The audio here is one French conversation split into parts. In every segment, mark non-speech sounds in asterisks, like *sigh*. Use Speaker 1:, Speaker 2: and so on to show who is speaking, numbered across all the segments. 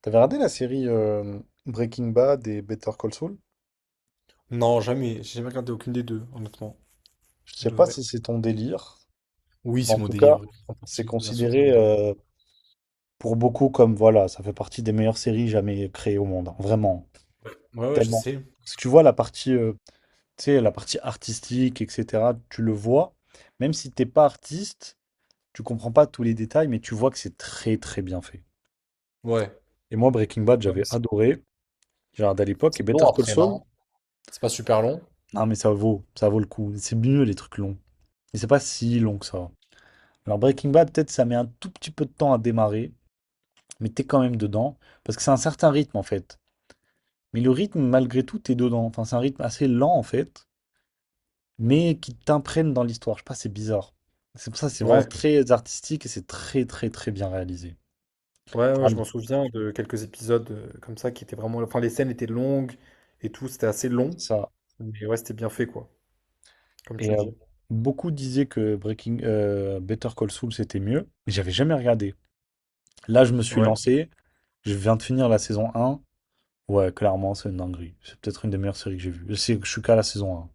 Speaker 1: T'avais regardé la série Breaking Bad et Better Call Saul?
Speaker 2: Non, jamais. J'ai jamais regardé aucune des deux, honnêtement.
Speaker 1: Je
Speaker 2: Je
Speaker 1: sais pas
Speaker 2: devrais.
Speaker 1: si c'est ton délire.
Speaker 2: Oui, c'est
Speaker 1: En
Speaker 2: mon
Speaker 1: tout cas,
Speaker 2: délire. En
Speaker 1: c'est
Speaker 2: partie. Bien sûr, c'est mon
Speaker 1: considéré
Speaker 2: délire.
Speaker 1: pour beaucoup comme voilà, ça fait partie des meilleures séries jamais créées au monde, hein. Vraiment,
Speaker 2: Ouais, ouais, je
Speaker 1: tellement.
Speaker 2: sais.
Speaker 1: Parce que tu vois la partie, tu sais, la partie artistique, etc. Tu le vois, même si t'es pas artiste, tu comprends pas tous les détails, mais tu vois que c'est très très bien fait.
Speaker 2: Ouais.
Speaker 1: Et moi, Breaking Bad, j'avais
Speaker 2: Vraiment ça.
Speaker 1: adoré. J'ai regardé à
Speaker 2: C'est
Speaker 1: l'époque et
Speaker 2: c'est long
Speaker 1: Better Call
Speaker 2: après,
Speaker 1: Saul.
Speaker 2: non? C'est pas super long?
Speaker 1: Non, mais ça vaut le coup. C'est mieux les trucs longs. Et c'est pas si long que ça. Alors Breaking Bad, peut-être ça met un tout petit peu de temps à démarrer, mais t'es quand même dedans, parce que c'est un certain rythme en fait. Mais le rythme, malgré tout, t'es dedans. Enfin, c'est un rythme assez lent en fait, mais qui t'imprègne dans l'histoire. Je sais pas, c'est bizarre. C'est pour ça, c'est vraiment
Speaker 2: Ouais.
Speaker 1: très artistique et c'est très très très bien réalisé.
Speaker 2: Ouais, ouais, je
Speaker 1: Allez,
Speaker 2: m'en souviens de quelques épisodes comme ça qui étaient vraiment. Enfin, les scènes étaient longues et tout. C'était assez long.
Speaker 1: c'est ça.
Speaker 2: Mais ouais, c'était bien fait, quoi. Comme
Speaker 1: Et
Speaker 2: tu dis.
Speaker 1: beaucoup disaient que Breaking Better Call Saul c'était mieux, mais j'avais jamais regardé. Là, je me suis
Speaker 2: Ouais.
Speaker 1: lancé. Je viens de finir la saison un. Ouais, clairement, c'est une dinguerie. C'est peut-être une des meilleures séries que j'ai vues. Je sais que je suis qu'à la saison un.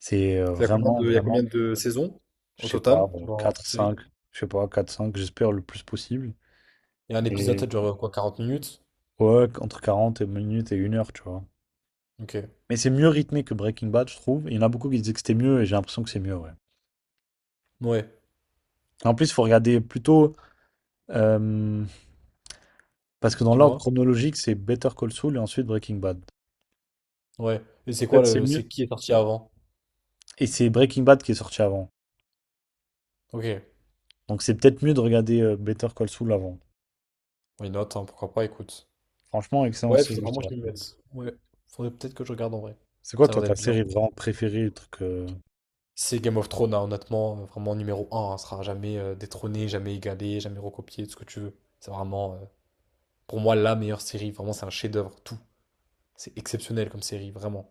Speaker 1: C'est
Speaker 2: Il y a combien
Speaker 1: vraiment,
Speaker 2: de, il y a
Speaker 1: vraiment,
Speaker 2: combien de saisons
Speaker 1: je
Speaker 2: au
Speaker 1: sais pas,
Speaker 2: total
Speaker 1: bon,
Speaker 2: dans
Speaker 1: 4
Speaker 2: cette série?
Speaker 1: 5 je sais pas, 4 5 j'espère le plus possible.
Speaker 2: Et un épisode, ça
Speaker 1: Et
Speaker 2: dure quoi, 40 minutes?
Speaker 1: ouais, entre 40 et minutes et une heure, tu vois.
Speaker 2: Ok.
Speaker 1: Mais c'est mieux rythmé que Breaking Bad, je trouve. Il y en a beaucoup qui disaient que c'était mieux et j'ai l'impression que c'est mieux, ouais.
Speaker 2: Ouais.
Speaker 1: En plus, il faut regarder plutôt, euh, parce que dans l'ordre
Speaker 2: Dis-moi.
Speaker 1: chronologique, c'est Better Call Saul et ensuite Breaking Bad.
Speaker 2: Ouais. Et c'est quoi
Speaker 1: Peut-être c'est
Speaker 2: le.
Speaker 1: mieux.
Speaker 2: C'est qui est parti avant?
Speaker 1: Et c'est Breaking Bad qui est sorti avant.
Speaker 2: Ok.
Speaker 1: Donc c'est peut-être mieux de regarder Better Call Saul avant.
Speaker 2: Oui, note, hein, pourquoi pas, écoute.
Speaker 1: Franchement, excellent
Speaker 2: Ouais, faudrait
Speaker 1: série, je
Speaker 2: vraiment
Speaker 1: te
Speaker 2: que
Speaker 1: la
Speaker 2: je m'y
Speaker 1: recommande.
Speaker 2: mette. Ouais, faudrait peut-être que je regarde en vrai.
Speaker 1: C'est quoi,
Speaker 2: Ça a l'air
Speaker 1: toi, ta
Speaker 2: d'être bien.
Speaker 1: série vraiment préférée, le truc?
Speaker 2: C'est Game of Thrones, hein, honnêtement, vraiment numéro un, hein. Ça sera jamais détrôné, jamais égalé, jamais recopié, tout ce que tu veux. C'est vraiment, pour moi, la meilleure série. Vraiment, c'est un chef-d'œuvre, tout. C'est exceptionnel comme série, vraiment.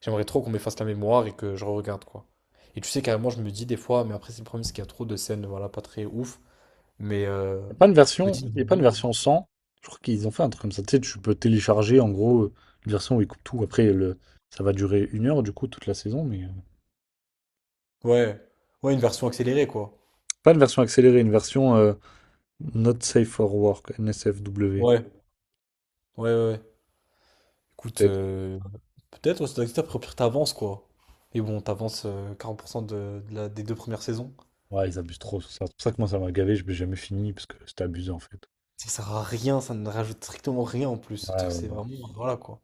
Speaker 2: J'aimerais trop qu'on m'efface la mémoire et que je re-regarde, quoi. Et tu sais, carrément, je me dis des fois, mais après, c'est le problème, c'est qu'il y a trop de scènes, voilà, pas très ouf. Mais
Speaker 1: Il n'y a pas une
Speaker 2: je me
Speaker 1: version,
Speaker 2: dis,
Speaker 1: y a pas une version sans. Je crois qu'ils ont fait un truc comme ça. Tu sais, tu peux télécharger en gros une version où ils coupent tout. Après, le, ça va durer une heure du coup toute la saison, mais
Speaker 2: ouais, ouais, une version accélérée, quoi.
Speaker 1: pas une version accélérée, une version Not Safe for Work, NSFW,
Speaker 2: Ouais, ouais, ouais, ouais. Écoute,
Speaker 1: peut-être.
Speaker 2: peut-être ouais, ça doit exister, après, au pire, t'avances, quoi. Mais bon, t'avances 40% des deux premières saisons.
Speaker 1: Ouais, ils abusent trop sur ça. C'est pour ça que moi ça m'a gavé, je n'ai jamais fini parce que c'était abusé en fait.
Speaker 2: Ça sert à rien, ça ne rajoute strictement rien en plus. Ce
Speaker 1: Ouais,
Speaker 2: truc,
Speaker 1: ouais,
Speaker 2: c'est
Speaker 1: ouais.
Speaker 2: vraiment. Voilà, quoi.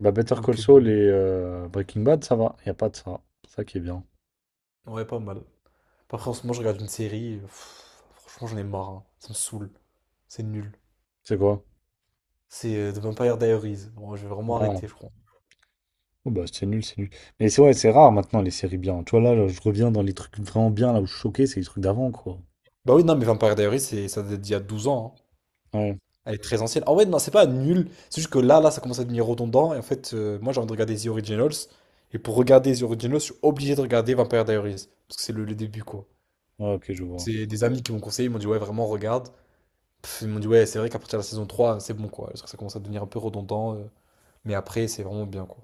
Speaker 1: Bah Better Call
Speaker 2: Donc,
Speaker 1: Saul et Breaking Bad, ça va, il n'y a pas de ça. C'est ça qui est bien.
Speaker 2: ouais, pas mal. Après, en ce moment, je regarde une série. Franchement, j'en ai marre, hein. Ça me saoule. C'est nul.
Speaker 1: C'est quoi?
Speaker 2: C'est The Vampire Diaries. Bon, je vais vraiment
Speaker 1: Ah,
Speaker 2: arrêter, je crois.
Speaker 1: oh bah, c'est nul, c'est nul. Mais c'est ouais, c'est rare maintenant les séries bien. Tu vois, là, je reviens dans les trucs vraiment bien, là où je suis choqué, c'est les trucs d'avant, quoi.
Speaker 2: Bah oui, non, mais Vampire Diaries, ça date d'il y a 12 ans, hein.
Speaker 1: Ouais,
Speaker 2: Elle est très ancienne. En vrai, non, c'est pas nul. C'est juste que là, là, ça commence à devenir redondant. Et en fait, moi, j'ai envie de regarder The Originals. Et pour regarder The Originals, je suis obligé de regarder Vampire Diaries. Parce que c'est le début, quoi.
Speaker 1: ouais, ok, je vois.
Speaker 2: C'est des amis qui m'ont conseillé. Ils m'ont dit, ouais, vraiment, regarde. Ils m'ont dit, ouais, c'est vrai qu'à partir de la saison 3, c'est bon, quoi. Parce que ça commence à devenir un peu redondant. Mais après, c'est vraiment bien, quoi.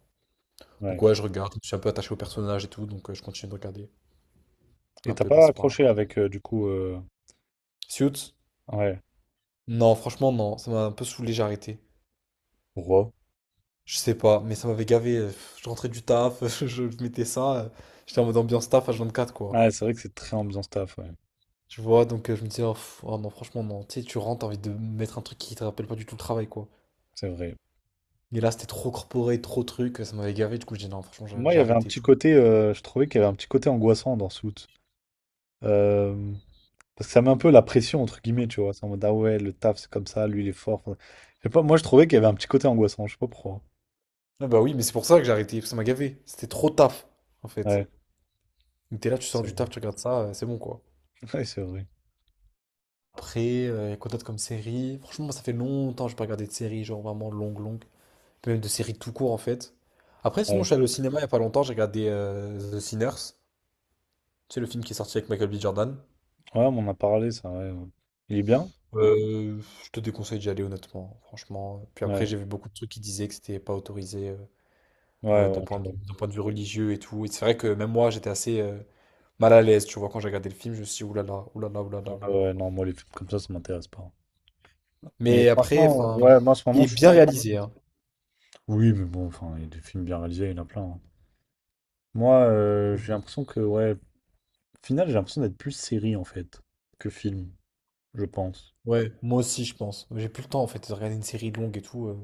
Speaker 2: Donc,
Speaker 1: Ouais.
Speaker 2: ouais, je regarde. Je suis un peu attaché au personnage et tout. Donc, je continue de regarder.
Speaker 1: Et
Speaker 2: Un
Speaker 1: t'as
Speaker 2: peu
Speaker 1: pas
Speaker 2: par-ci par-là.
Speaker 1: accroché avec, du coup,
Speaker 2: Suits?
Speaker 1: ouais.
Speaker 2: Non, franchement, non. Ça m'a un peu saoulé, j'ai arrêté.
Speaker 1: Pourquoi?
Speaker 2: Je sais pas, mais ça m'avait gavé. Je rentrais du taf, *laughs* je mettais ça. J'étais en mode ambiance taf H24, quoi.
Speaker 1: Ouais, c'est vrai que c'est très ambiance taf, ouais.
Speaker 2: Tu vois, donc je me disais, oh, oh non, franchement, non. Tu sais, tu rentres, t'as envie de mettre un truc qui te rappelle pas du tout le travail, quoi.
Speaker 1: C'est vrai.
Speaker 2: Mais là, c'était trop corporé, trop truc, ça m'avait gavé. Du coup, je dis, non, franchement, j'ai
Speaker 1: Moi, il
Speaker 2: j'ai
Speaker 1: y avait un
Speaker 2: arrêté, tu
Speaker 1: petit
Speaker 2: vois.
Speaker 1: côté, je trouvais qu'il y avait un petit côté angoissant dans Suits. Euh, parce que ça met un peu la pression, entre guillemets, tu vois. C'est en mode, ah ouais, le taf, c'est comme ça, lui, il est fort. Enfin, je sais pas, moi, je trouvais qu'il y avait un petit côté angoissant, je sais pas pourquoi.
Speaker 2: Ah bah oui, mais c'est pour ça que j'ai arrêté, parce que ça m'a gavé. C'était trop taf, en fait.
Speaker 1: Ouais,
Speaker 2: Donc t'es là, tu sors
Speaker 1: c'est
Speaker 2: du
Speaker 1: vrai.
Speaker 2: taf, tu regardes ça, c'est bon, quoi.
Speaker 1: *laughs* Ouais, c'est vrai.
Speaker 2: Après, il y a quoi d'autre comme série? Franchement, moi, ça fait longtemps que j'ai pas regardé de série, genre vraiment longue, longue. Puis même de séries tout court en fait. Après, sinon, je suis allé au cinéma il n'y a pas longtemps, j'ai regardé The Sinners. C'est le film qui est sorti avec Michael B. Jordan.
Speaker 1: Ouais, on en a parlé, ça, ouais, ouais. Il est bien?
Speaker 2: Je te déconseille d'y aller honnêtement, franchement. Puis après,
Speaker 1: Ouais.
Speaker 2: j'ai vu beaucoup de trucs qui disaient que c'était pas autorisé
Speaker 1: Ouais,
Speaker 2: de
Speaker 1: ouais, je
Speaker 2: d'un point de vue religieux et tout. Et c'est vrai que même moi, j'étais assez mal à l'aise, tu vois, quand j'ai regardé le film, je me suis dit oulala, oulala, oulala,
Speaker 1: ouais,
Speaker 2: oulala.
Speaker 1: ouais, non, moi, les films comme ça m'intéresse pas. Mais
Speaker 2: Mais après,
Speaker 1: franchement,
Speaker 2: enfin,
Speaker 1: ouais, moi, en ce
Speaker 2: il
Speaker 1: moment,
Speaker 2: est
Speaker 1: je suis
Speaker 2: bien
Speaker 1: plus.
Speaker 2: réalisé, hein.
Speaker 1: Oui, mais bon, enfin, il y a des films bien réalisés, il y en a plein, hein. Moi, j'ai l'impression que, ouais, au final, j'ai l'impression d'être plus série, en fait, que film, je pense.
Speaker 2: Ouais, moi aussi, je pense. J'ai plus le temps en fait de regarder une série longue et tout.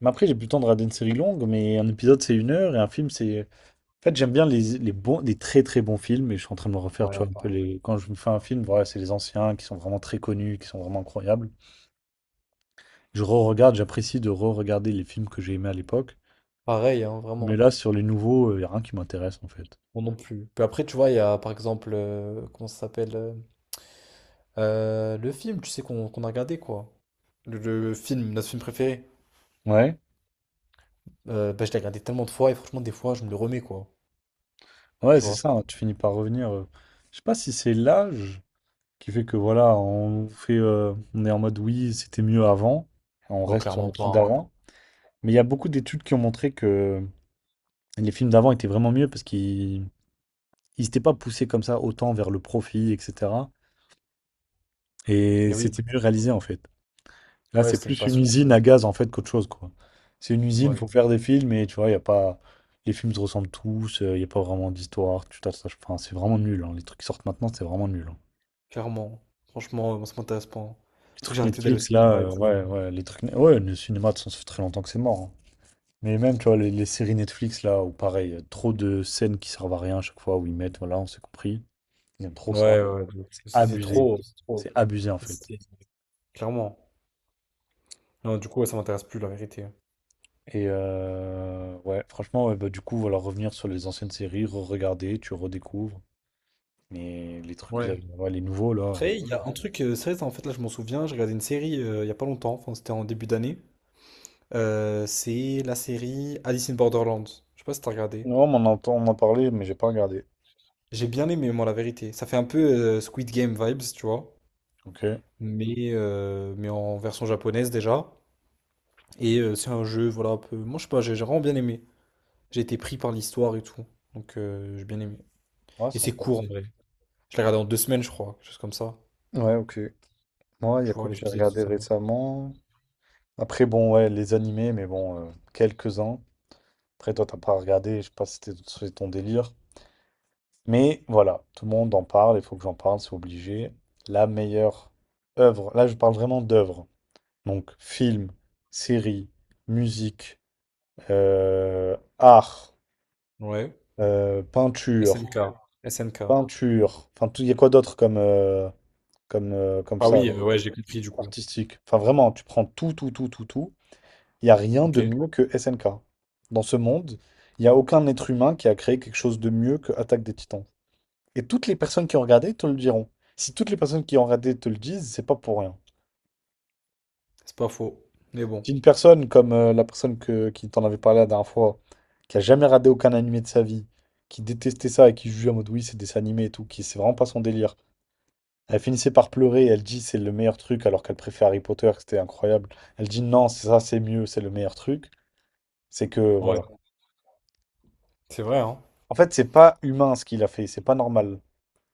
Speaker 1: Mais après, j'ai plus le temps de regarder une série longue, mais un épisode, c'est une heure, et un film, c'est. En fait, j'aime bien les bons, les très très bons films, et je suis en train de me refaire, tu
Speaker 2: Ouais,
Speaker 1: vois, un peu
Speaker 2: pareil.
Speaker 1: les. Quand je me fais un film, voilà, c'est les anciens qui sont vraiment très connus, qui sont vraiment incroyables. Je re-regarde, j'apprécie de re-regarder les films que j'ai aimés à l'époque.
Speaker 2: Pareil, hein,
Speaker 1: Mais
Speaker 2: vraiment.
Speaker 1: là, sur les nouveaux, il n'y a rien qui m'intéresse en fait.
Speaker 2: Moi non plus. Puis après, tu vois, il y a par exemple, comment ça s'appelle le film, tu sais, qu'on a regardé, quoi. Le film, notre film préféré.
Speaker 1: Ouais,
Speaker 2: Bah, je l'ai regardé tellement de fois et franchement, des fois, je me le remets, quoi.
Speaker 1: ouais,
Speaker 2: Tu
Speaker 1: c'est
Speaker 2: vois?
Speaker 1: ça, hein, tu finis par revenir. Je sais pas si c'est l'âge qui fait que voilà, on fait, on est en mode oui, c'était mieux avant, on
Speaker 2: Bon,
Speaker 1: reste sur
Speaker 2: clairement
Speaker 1: notre truc
Speaker 2: pas, hein.
Speaker 1: d'avant. Mais il y a beaucoup d'études qui ont montré que les films d'avant étaient vraiment mieux parce qu'ils ils s'étaient pas poussés comme ça autant vers le profit, etc. Et
Speaker 2: Eh oui,
Speaker 1: c'était mieux réalisé en fait. Là,
Speaker 2: ouais,
Speaker 1: c'est
Speaker 2: c'était une
Speaker 1: plus une
Speaker 2: passion, un peu.
Speaker 1: usine à gaz en fait qu'autre chose, quoi. C'est une usine,
Speaker 2: Ouais,
Speaker 1: faut faire des films et tu vois, il y a pas. Les films se ressemblent tous, il n'y a pas vraiment d'histoire, tu t'attaches. Enfin, c'est vraiment nul, hein. Les trucs qui sortent maintenant, c'est vraiment nul, hein.
Speaker 2: clairement. Franchement, moi, ça m'intéresse pas, hein. C'est
Speaker 1: Les
Speaker 2: pour ça que
Speaker 1: trucs
Speaker 2: j'ai arrêté d'aller au
Speaker 1: Netflix, là,
Speaker 2: cinéma et tout.
Speaker 1: ouais, ouais, les trucs. Ouais, le cinéma, de toute façon, ça fait très longtemps que c'est mort, hein. Mais même, tu vois, les séries Netflix, là, où pareil, trop de scènes qui servent à rien à chaque fois où ils mettent, voilà, on s'est compris. Ils aiment trop ça.
Speaker 2: Ouais, ouais, de ouf. C'est
Speaker 1: Abusé.
Speaker 2: trop, c'est
Speaker 1: C'est
Speaker 2: trop.
Speaker 1: abusé, en fait.
Speaker 2: C'est- Clairement. Non, du coup, ouais, ça m'intéresse plus, la vérité.
Speaker 1: Et ouais, franchement, ouais, bah, du coup, voilà, revenir sur les anciennes séries, re-regarder, tu redécouvres. Mais les trucs, que vous
Speaker 2: Ouais.
Speaker 1: t'avais- ouais, les nouveaux là.
Speaker 2: Après, il y a un truc, c'est vrai, en fait, là, je m'en souviens, j'ai regardé une série il y a pas longtemps, enfin, c'était en début d'année. C'est la série Alice in Borderland. Je sais pas si t'as regardé.
Speaker 1: Non, mais on entend, on en parlait, mais j'ai pas regardé.
Speaker 2: J'ai bien aimé, moi, la vérité. Ça fait un peu Squid Game vibes, tu vois,
Speaker 1: Ok. Ouais,
Speaker 2: mais en version japonaise déjà. Et c'est un jeu, voilà, un peu. Moi, je sais pas, j'ai vraiment bien aimé. J'ai été pris par l'histoire et tout, donc j'ai bien aimé. Et
Speaker 1: c'est
Speaker 2: c'est court,
Speaker 1: intéressant.
Speaker 2: en vrai. Je l'ai regardé en 2 semaines, je crois, quelque chose comme ça.
Speaker 1: Ouais, ok. Moi,
Speaker 2: Tu vois,
Speaker 1: Yacoub,
Speaker 2: les
Speaker 1: j'ai
Speaker 2: épisodes,
Speaker 1: regardé
Speaker 2: ça va.
Speaker 1: récemment. Après, bon, ouais, les animés, mais bon, quelques-uns. Après, toi, t'as pas regardé, je sais pas si c'était c'est ton délire. Mais voilà, tout le monde en parle, il faut que j'en parle, c'est obligé. La meilleure œuvre, là, je parle vraiment d'œuvre. Donc, film, série, musique, art,
Speaker 2: Ouais.
Speaker 1: peinture.
Speaker 2: SNK. SNK.
Speaker 1: Peinture. Enfin, tout- il y a quoi d'autre comme, comme, comme
Speaker 2: Ah
Speaker 1: ça,
Speaker 2: oui,
Speaker 1: là,
Speaker 2: ouais, j'ai compris du coup.
Speaker 1: artistique? Enfin, vraiment, tu prends tout, tout, tout, tout, tout. Il n'y a rien
Speaker 2: Ok,
Speaker 1: de mieux que SNK. Dans ce monde, il n'y a aucun être humain qui a créé quelque chose de mieux que Attaque des Titans. Et toutes les personnes qui ont regardé te le diront. Si toutes les personnes qui ont regardé te le disent, c'est pas pour rien.
Speaker 2: c'est pas faux. Mais bon,
Speaker 1: Si une personne comme la personne que, qui t'en avait parlé la dernière fois, qui a jamais regardé aucun animé de sa vie, qui détestait ça et qui jugeait en mode oui, c'est des animés et tout, qui c'est vraiment pas son délire, elle finissait par pleurer, elle dit c'est le meilleur truc alors qu'elle préfère Harry Potter, que c'était incroyable. Elle dit non, c'est ça, c'est mieux, c'est le meilleur truc. C'est que
Speaker 2: ouais,
Speaker 1: voilà.
Speaker 2: c'est vrai, hein.
Speaker 1: En fait, c'est pas humain ce qu'il a fait, c'est pas normal.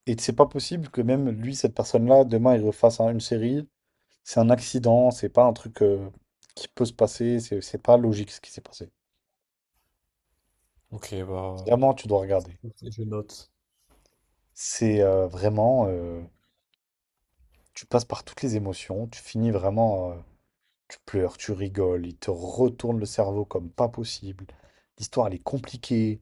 Speaker 1: Et c'est pas possible que même lui, cette personne-là, demain, il refasse un- une série. C'est un accident, c'est pas un truc qui peut se passer, c'est pas logique ce qui s'est passé.
Speaker 2: Ok, bah,
Speaker 1: Vraiment, tu dois regarder.
Speaker 2: ok, je note.
Speaker 1: C'est vraiment, tu passes par toutes les émotions, tu finis vraiment. Tu pleures, tu rigoles, il te retourne le cerveau comme pas possible. L'histoire, elle est compliquée,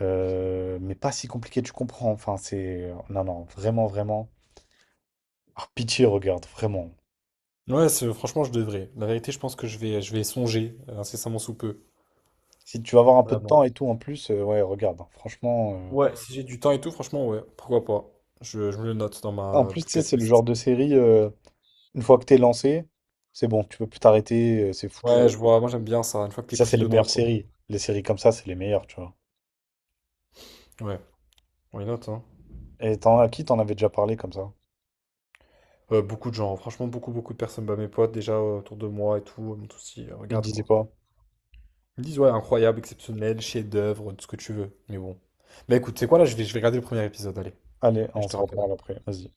Speaker 1: mais pas si compliquée, tu comprends. Enfin, c'est... Non, non, vraiment, vraiment. Ah, pitié, regarde, vraiment.
Speaker 2: Ouais, franchement, je devrais. La vérité, je pense que je vais songer incessamment sous peu.
Speaker 1: Si tu vas avoir un peu de
Speaker 2: Vraiment.
Speaker 1: temps et tout, en plus, ouais, regarde, hein, franchement...
Speaker 2: Ouais, si j'ai du temps et tout, franchement, ouais, pourquoi pas. Je me le note dans
Speaker 1: En
Speaker 2: ma
Speaker 1: plus, tu sais,
Speaker 2: bucket
Speaker 1: c'est le genre
Speaker 2: list.
Speaker 1: de série, une fois que t'es lancé, c'est bon, tu peux plus t'arrêter, c'est foutu.
Speaker 2: Ouais, je vois, moi j'aime bien ça, une fois que t'es
Speaker 1: Ça, c'est
Speaker 2: pris
Speaker 1: les
Speaker 2: dedans,
Speaker 1: meilleures
Speaker 2: quoi.
Speaker 1: séries. Les séries comme ça, c'est les meilleures, tu vois.
Speaker 2: Ouais, on les note, hein.
Speaker 1: Et t'en, à qui t'en avais déjà parlé comme ça?
Speaker 2: Beaucoup de gens, franchement, beaucoup, beaucoup de personnes, bah, mes potes déjà autour de moi et tout, ils m'ont tous dit,
Speaker 1: Il
Speaker 2: regarde
Speaker 1: disait
Speaker 2: quoi.
Speaker 1: quoi?
Speaker 2: Ils me disent, ouais, incroyable, exceptionnel, chef-d'œuvre, tout ce que tu veux. Mais bon. Bah écoute, c'est quoi là, je vais regarder le premier épisode, allez.
Speaker 1: Allez, on
Speaker 2: Je te
Speaker 1: se
Speaker 2: rappelle.
Speaker 1: reparle après, vas-y.